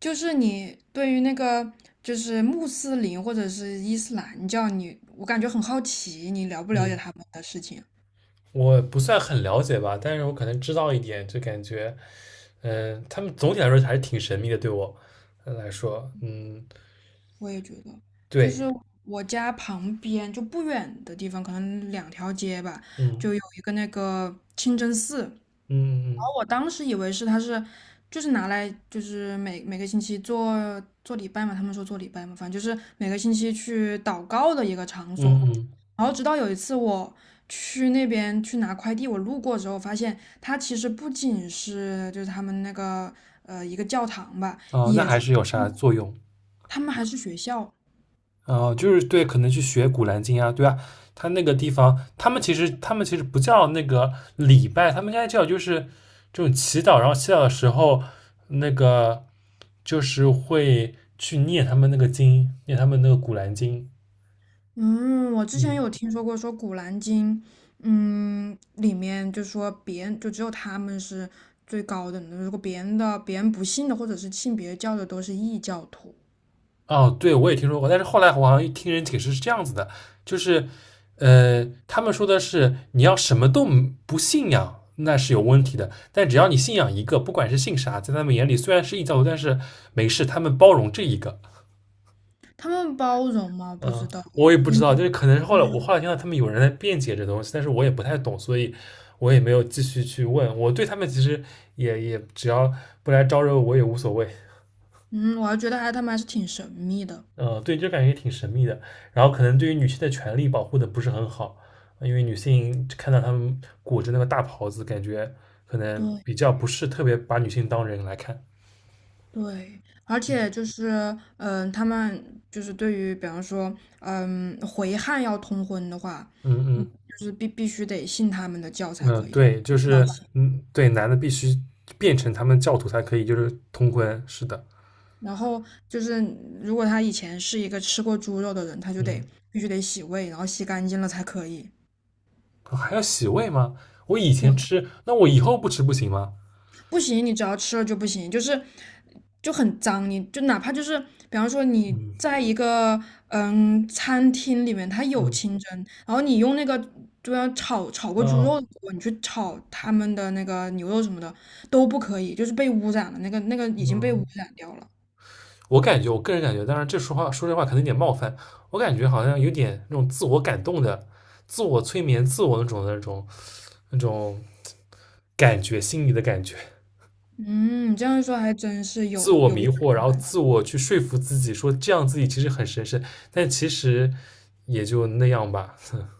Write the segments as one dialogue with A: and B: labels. A: 就是你对于那个就是穆斯林或者是伊斯兰教我感觉很好奇，你了不了解
B: 嗯，
A: 他们的事情？
B: 我不算很了解吧，但是我可能知道一点，就感觉，他们总体来说还是挺神秘的，对我来说，嗯，
A: 我也觉得，就是
B: 对，
A: 我家旁边就不远的地方，可能2条街吧，就
B: 嗯
A: 有一个那个清真寺。
B: 嗯嗯
A: 我当时以为是他是就是拿来就是每个星期做礼拜嘛，他们说做礼拜嘛，反正就是每个星期去祷告的一个场所。
B: 嗯嗯，
A: 然后直到有一次我去那边去拿快递，我路过之后发现它其实不仅是就是他们那个一个教堂吧，
B: 哦，那
A: 也
B: 还
A: 是
B: 是有啥作用？
A: 他们还是学校。
B: 哦，就是对，可能去学《古兰经》啊，对啊，他那个地方，他们其实不叫那个礼拜，他们应该叫就是这种祈祷，然后祈祷的时候，那个就是会去念他们那个经，念他们那个《古兰经》，
A: 嗯，我之前
B: 嗯。
A: 有听说过，说《古兰经》，嗯，里面就说别人就只有他们是最高等的，如果别人不信的或者是信别教的都是异教徒。
B: 哦，对，我也听说过，但是后来我好像听人解释是这样子的，就是，他们说的是你要什么都不信仰，那是有问题的，但只要你信仰一个，不管是信啥，在他们眼里虽然是异教徒，但是没事，他们包容这一个。
A: 他们包容吗？不知
B: 嗯，
A: 道。
B: 我也不知
A: 因
B: 道，就是可能是后来我听到他们有人在辩解这东西，但是我也不太懂，所以我也没有继续去问。我对他们其实也只要不来招惹我也无所谓。
A: 嗯，我还觉得他们还是挺神秘的。
B: 对，就感觉挺神秘的。然后可能对于女性的权利保护的不是很好，因为女性看到他们裹着那个大袍子，感觉可能
A: 对
B: 比较不是特别把女性当人来看。
A: 对，而且就是嗯，他们就是对于比方说嗯回汉要通婚的话，
B: 嗯
A: 嗯，
B: 嗯
A: 就是必须得信他们的教才
B: 嗯，
A: 可以。
B: 对，就是对，男的必须变成他们教徒才可以，就是通婚。是的，
A: 然后就是，如果他以前是一个吃过猪肉的人，他就得
B: 嗯，
A: 必须得洗胃，然后洗干净了才可以。
B: 哦还要洗胃吗？我以
A: 对，
B: 前吃，那我以后不吃不行吗？
A: 不行，你只要吃了就不行，就是就很脏。你就哪怕就是，比方说你
B: 嗯
A: 在一个嗯餐厅里面，它有
B: 嗯
A: 清蒸，然后你用那个就要炒过猪肉
B: 哦
A: 的锅，你去炒他们的那个牛肉什么的都不可以，就是被污染了，那个已经被污
B: 嗯。
A: 染掉了。
B: 我感觉，我个人感觉，当然这说话说这话可能有点冒犯，我感觉好像有点那种自我感动的、自我催眠、自我那种感觉，心里的感觉，
A: 嗯，你这样一说还真是
B: 自
A: 有
B: 我
A: 有一
B: 迷惑，然
A: 种
B: 后
A: 感觉。
B: 自我去说服自己，说这样自己其实很神圣，但其实也就那样吧。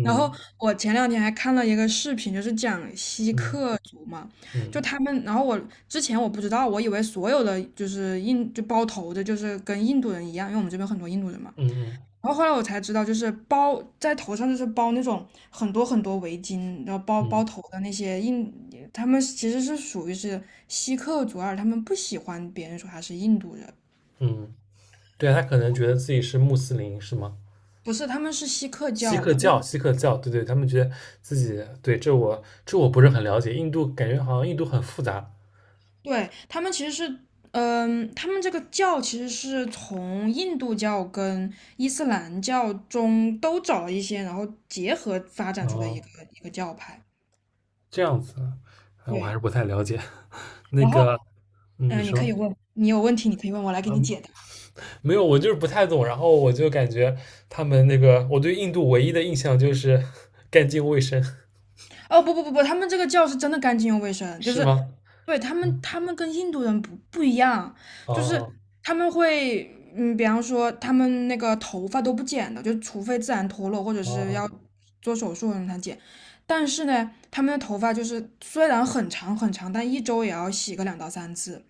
A: 然后我前两天还看了一个视频，就是讲锡
B: 嗯
A: 克族嘛，就
B: 嗯
A: 他们，然后我之前我不知道，我以为所有的就是包头的，就是跟印度人一样，因为我们这边很多印度人嘛。
B: 嗯嗯
A: 然后后来我才知道，就是包在头上，就是包那种很多很多围巾，然后包
B: 嗯
A: 包头的那些印，他们其实是属于是锡克族，而他们不喜欢别人说他是印度人。
B: 嗯，对啊他可能觉得自己是穆斯林，是吗？
A: 不是，他们是锡克
B: 锡
A: 教
B: 克
A: 的，就
B: 教，锡克教，对对，他们觉得自己对这我不是很了解，印度感觉好像印度很复杂
A: 对，他们其实是，嗯，他们这个教其实是从印度教跟伊斯兰教中都找了一些，然后结合发展出的一
B: 哦，
A: 个一个教派。
B: 这样子，啊，我还是
A: 对，
B: 不太了解。那
A: 然后，
B: 个，嗯，你
A: 嗯、你可
B: 说
A: 以问，你有问题你可以问我来给你解答。
B: 没有，我就是不太懂，然后我就感觉他们那个，我对印度唯一的印象就是 干净卫生，
A: 哦，不不不不，他们这个教是真的干净又卫生。就
B: 是
A: 是
B: 吗？
A: 对，
B: 嗯，
A: 他们跟印度人不一样，就是
B: 哦
A: 他们会嗯，比方说他们那个头发都不剪的，就除非自然脱落或者是
B: 哦，
A: 要做手术的人才剪。但是呢，他们的头发就是虽然很长很长，但一周也要洗个2到3次。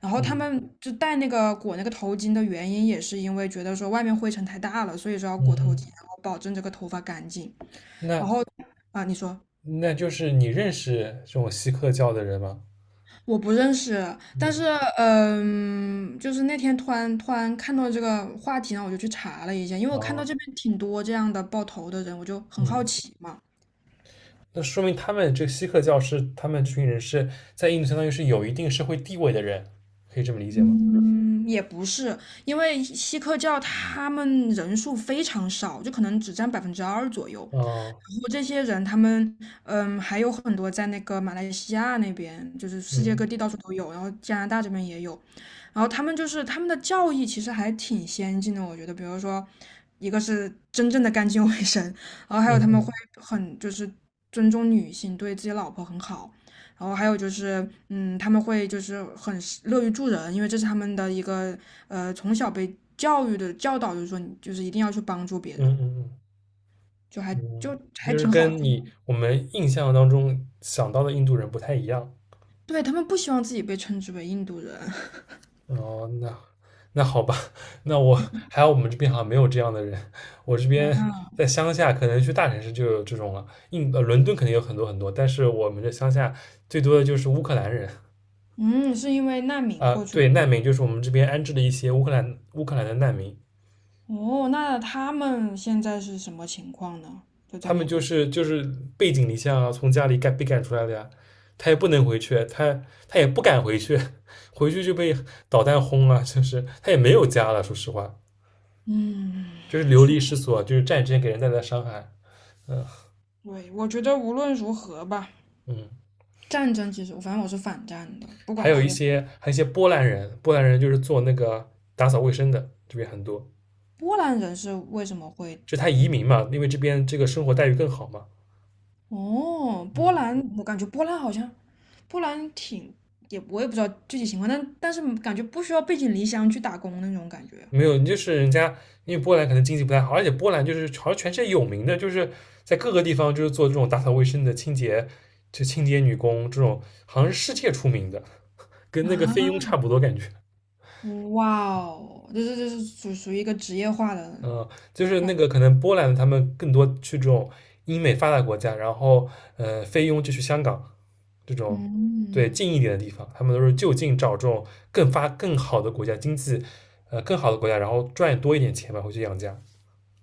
A: 然后他
B: 嗯
A: 们就戴那个裹那个头巾的原因，也是因为觉得说外面灰尘太大了，所以说要
B: 嗯
A: 裹头巾，
B: 嗯，
A: 然后保证这个头发干净。然
B: 那
A: 后啊，你说，
B: 那就是你认识这种锡克教的人吗？
A: 我不认识，但
B: 嗯，
A: 是嗯，就是那天突然看到这个话题，然后我就去查了一下，因为我看到
B: 哦，
A: 这边挺多这样的爆头的人，我就很好
B: 嗯。
A: 奇嘛。
B: 那说明他们这个锡克教是他们这群人是在印度相当于是有一定社会地位的人，可以这么理解吗？
A: 嗯，也不是，因为锡克教他们人数非常少，就可能只占2%左右。
B: 哦，
A: 然后这些人，他们嗯，还有很多在那个马来西亚那边，就是世界
B: 嗯
A: 各地到处都有，然后加拿大这边也有。然后他们的教义其实还挺先进的，我觉得，比如说，一个是真正的干净卫生，然后还
B: 嗯
A: 有他们会
B: 嗯
A: 很就是尊重女性，对自己老婆很好，然后还有就是，嗯，他们会就是很乐于助人，因为这是他们的一个从小被教育的教导，就是说你就是一定要去帮助别
B: 嗯
A: 人，
B: 嗯嗯
A: 就
B: 嗯，
A: 还
B: 就是
A: 挺好的。
B: 跟我们印象当中想到的印度人不太一样。
A: 对，他们不希望自己被称之为印度人。
B: 哦，那好吧，那我还有我们这边好像没有这样的人，我这边在乡下，可能去大城市就有这种了。伦敦肯定有很多很多，但是我们这乡下最多的就是乌克兰人。
A: 嗯，是因为难民
B: 啊，
A: 过去。
B: 对，难民就是我们这边安置的一些乌克兰的难民，
A: 哦，那他们现在是什么情况呢？就在
B: 他们
A: 那
B: 就
A: 边。
B: 是就是背井离乡啊，从家里赶被赶出来的呀，他也不能回去，他也不敢回去，回去就被导弹轰了，就是他也没有家了，说实话，
A: 嗯，
B: 就是流
A: 确
B: 离失所，就是战争给人带来的伤害，
A: 对，我觉得无论如何吧，
B: 嗯，
A: 战争其实，反正我是反战的，不
B: 还
A: 管
B: 有一
A: 是
B: 些还有一些波兰人，波兰人就是做那个打扫卫生的，这边很多，
A: 波兰人是为什么会，
B: 就他移民嘛，因为这边这个生活待遇更好嘛，
A: 哦，波
B: 嗯，
A: 兰，我感觉波兰好像，波兰挺，我也不知道具体情况，但是感觉不需要背井离乡去打工那种感觉。
B: 没有，就是人家因为波兰可能经济不太好，而且波兰就是好像全世界有名的，就是在各个地方就是做这种打扫卫生的清洁，就清洁女工这种，好像是世界出名的，跟那个菲佣
A: 啊，
B: 差不多感觉。
A: 哇哦，这是属于一个职业化的
B: 嗯，就是那
A: 感觉。
B: 个可能波兰他们更多去这种英美发达国家，然后菲佣就去香港这种对
A: 嗯。
B: 近一点的地方，他们都是就近找这种更好的国家经济更好的国家，然后赚多一点钱吧，回去养家。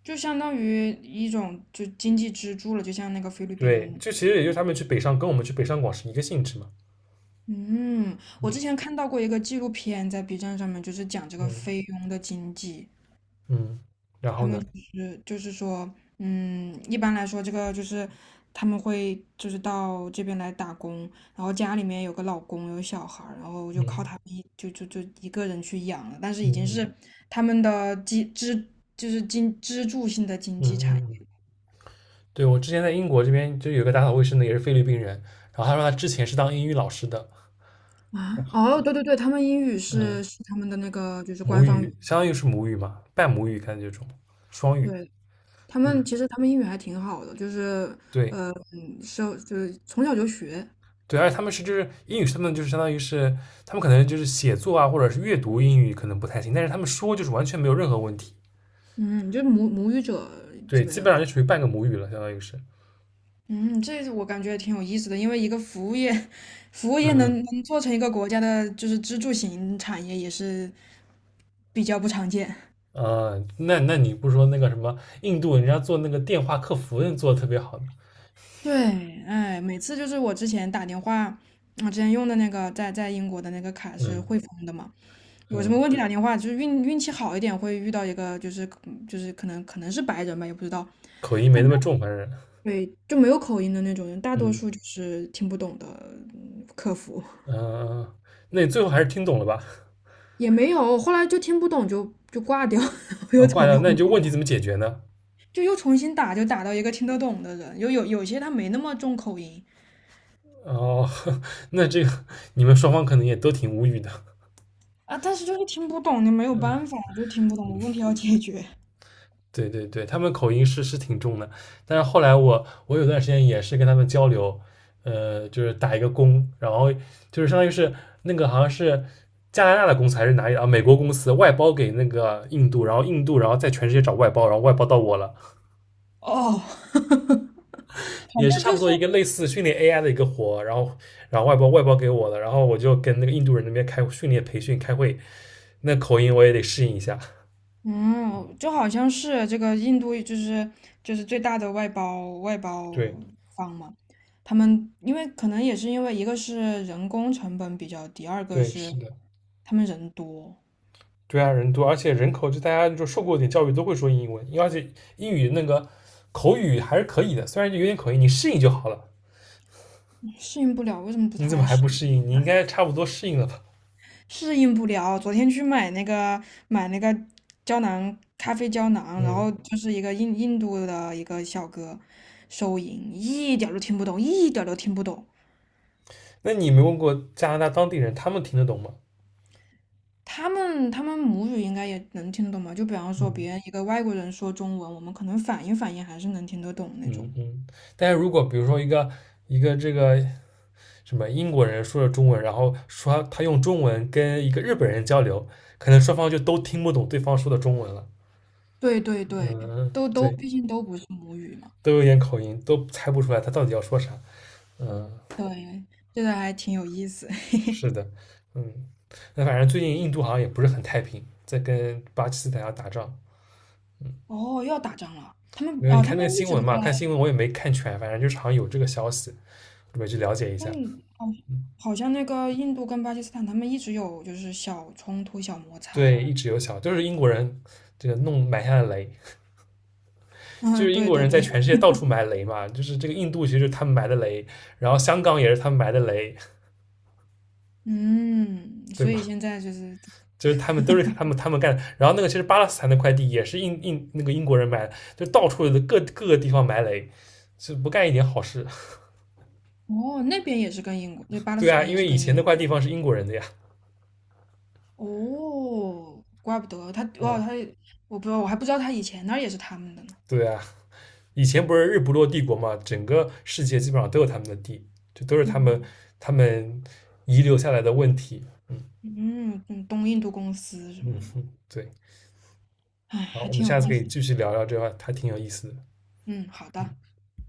A: 就相当于一种就经济支柱了，就像那个菲律
B: 对，
A: 宾。
B: 这其实也就是他们去北上跟我们去北上广是一个性质嘛。
A: 嗯，我之前
B: 嗯
A: 看到过一个纪录片，在 B 站上面，就是讲这个
B: 嗯
A: 菲佣的经济。
B: 嗯，然后
A: 他们
B: 呢？
A: 就是说，嗯，一般来说，这个就是他们会就是到这边来打工，然后家里面有个老公有小孩儿，然后就靠
B: 嗯
A: 他们一就就就一个人去养了，但是已
B: 嗯
A: 经是
B: 嗯
A: 他们的就是支柱性的经
B: 嗯
A: 济产。
B: 嗯嗯，对，我之前在英国这边就有一个打扫卫生的也是菲律宾人，然后他说他之前是当英语老师的，
A: 啊，哦，对对对，他们英语
B: 嗯，
A: 是他们的那个就是
B: 母
A: 官方
B: 语
A: 语，
B: 相当于是母语嘛，半母语感觉这种双语，
A: 对，
B: 嗯，
A: 他们英语还挺好的，就是
B: 对
A: 嗯是就是从小就学，
B: 对，而且他们是就是英语是他们就是相当于是他们可能就是写作啊或者是阅读英语可能不太行，但是他们说就是完全没有任何问题，
A: 嗯，就是母语者
B: 对，
A: 基本
B: 基
A: 上。
B: 本上就属于半个母语了，相当于是，
A: 嗯，这我感觉也挺有意思的，因为一个服务业，服务业
B: 嗯
A: 能做成一个国家的就是支柱型产业也是比较不常见。
B: 啊，那你不说那个什么印度人家做那个电话客服人做的特别好呢
A: 对，哎，每次就是我之前打电话，我之前用的那个在英国的那个卡是
B: 嗯
A: 汇丰的嘛。有什么
B: 嗯，
A: 问题打电话，就是运气好一点会遇到一个就是嗯就是可能是白人吧，也不知道，
B: 口音没
A: 但
B: 那
A: 他
B: 么重，反正
A: 对就没有口音的那种人，大多数
B: 嗯
A: 就是听不懂的嗯客服。
B: 嗯，那你最后还是听懂了吧？
A: 也没有，后来就听不懂就挂掉，我
B: 啊，
A: 又
B: 挂
A: 重
B: 掉，那
A: 新
B: 你就
A: 打。
B: 问题怎么解决呢？
A: 就又重新打，就打到一个听得懂的人，有些他没那么重口音
B: 哦，那这个你们双方可能也都挺无语的。
A: 啊，但是就是听不懂，你没有办法，就听不懂，问题要解决。
B: 对对对，他们口音是挺重的，但是后来我有段时间也是跟他们交流，就是打一个工，然后就是相当于是那个好像是加拿大的公司还是哪里啊，美国公司外包给那个印度，然后印度然后在全世界找外包，然后外包到我了，
A: 哦。好像
B: 也是差
A: 就
B: 不
A: 是
B: 多一个类似训练 AI 的一个活，然后外包给我了，然后我就跟那个印度人那边开训练培训开会，那口音我也得适应一下。
A: 嗯，就好像是这个印度就是最大的外包
B: 对
A: 方嘛，他们因为可能也是因为一个是人工成本比较低，二个
B: 对，是
A: 是
B: 的。
A: 他们人多。
B: 对啊，人多，而且人口就大家就受过点教育都会说英文，因为而且英语那个口语还是可以的，虽然就有点口音，你适应就好了。
A: 适应不了。为什么不
B: 你
A: 他
B: 怎么
A: 来
B: 还
A: 适
B: 不
A: 应？
B: 适应？你应该差不多适应了吧？
A: 适应不了。昨天去买那个胶囊咖啡胶囊，然后
B: 嗯，
A: 就是一个印度的一个小哥收银，一点儿都听不懂，一点儿都听不懂。
B: 那你没问过加拿大当地人，他们听得懂吗？
A: 他们母语应该也能听得懂吧？就比方说别人
B: 嗯
A: 一个外国人说中文，我们可能反应还是能听得懂那
B: 嗯
A: 种。
B: 嗯。但是如果比如说一个这个什么英国人说了中文，然后说他用中文跟一个日本人交流，可能双方就都听不懂对方说的中文了。
A: 对对对，
B: 嗯，
A: 都
B: 对，
A: 毕竟都不是母语嘛。
B: 都有点口音，都猜不出来他到底要说啥。嗯。
A: 对，这个还挺有意思。
B: 是的，嗯，那反正最近印度好像也不是很太平，在跟巴基斯坦要打仗。
A: 哦，又要打仗了。
B: 因为你
A: 他
B: 看那个
A: 们一
B: 新
A: 直
B: 闻
A: 都在。
B: 嘛？看新闻我也没看全，反正就是好像有这个消息，准备去了解一下。
A: 嗯，好，
B: 嗯
A: 好像那个印度跟巴基斯坦，他们一直有就是小冲突、小摩
B: 对，
A: 擦。
B: 一直有小，就是英国人这个弄埋下的雷，就
A: 嗯，
B: 是英
A: 对
B: 国
A: 对
B: 人在
A: 对，
B: 全世界到处埋雷嘛，就是这个印度其实就是他们埋的雷，然后香港也是他们埋的雷，
A: 嗯，
B: 对
A: 所以
B: 吧？
A: 现在就是，
B: 就是他们都是他们干的，然后那个其实巴勒斯坦那块地也是印那个英国人埋的，就到处的各个地方埋雷，就不干一点好事。
A: 哦，那边也是跟英国，就巴勒
B: 对
A: 斯
B: 啊，
A: 坦
B: 因
A: 也是
B: 为以
A: 跟
B: 前
A: 英
B: 那
A: 国
B: 块
A: 有
B: 地
A: 关。
B: 方是英国人的呀。
A: 哦，怪不得他，哇，
B: 嗯，
A: 他，我不知道，我还不知道他以前那儿也是他们的呢。
B: 对啊，以前不是日不落帝国嘛，整个世界基本上都有他们的地，这都是
A: 嗯
B: 他们遗留下来的问题。嗯
A: 嗯嗯，东印度公司什
B: 嗯，
A: 么的，
B: 嗯对。
A: 哎，
B: 然后
A: 还
B: 我们
A: 挺有
B: 下次可
A: 意
B: 以
A: 思。
B: 继续聊聊这块，还挺有意思的。
A: 嗯，好的。
B: 嗯。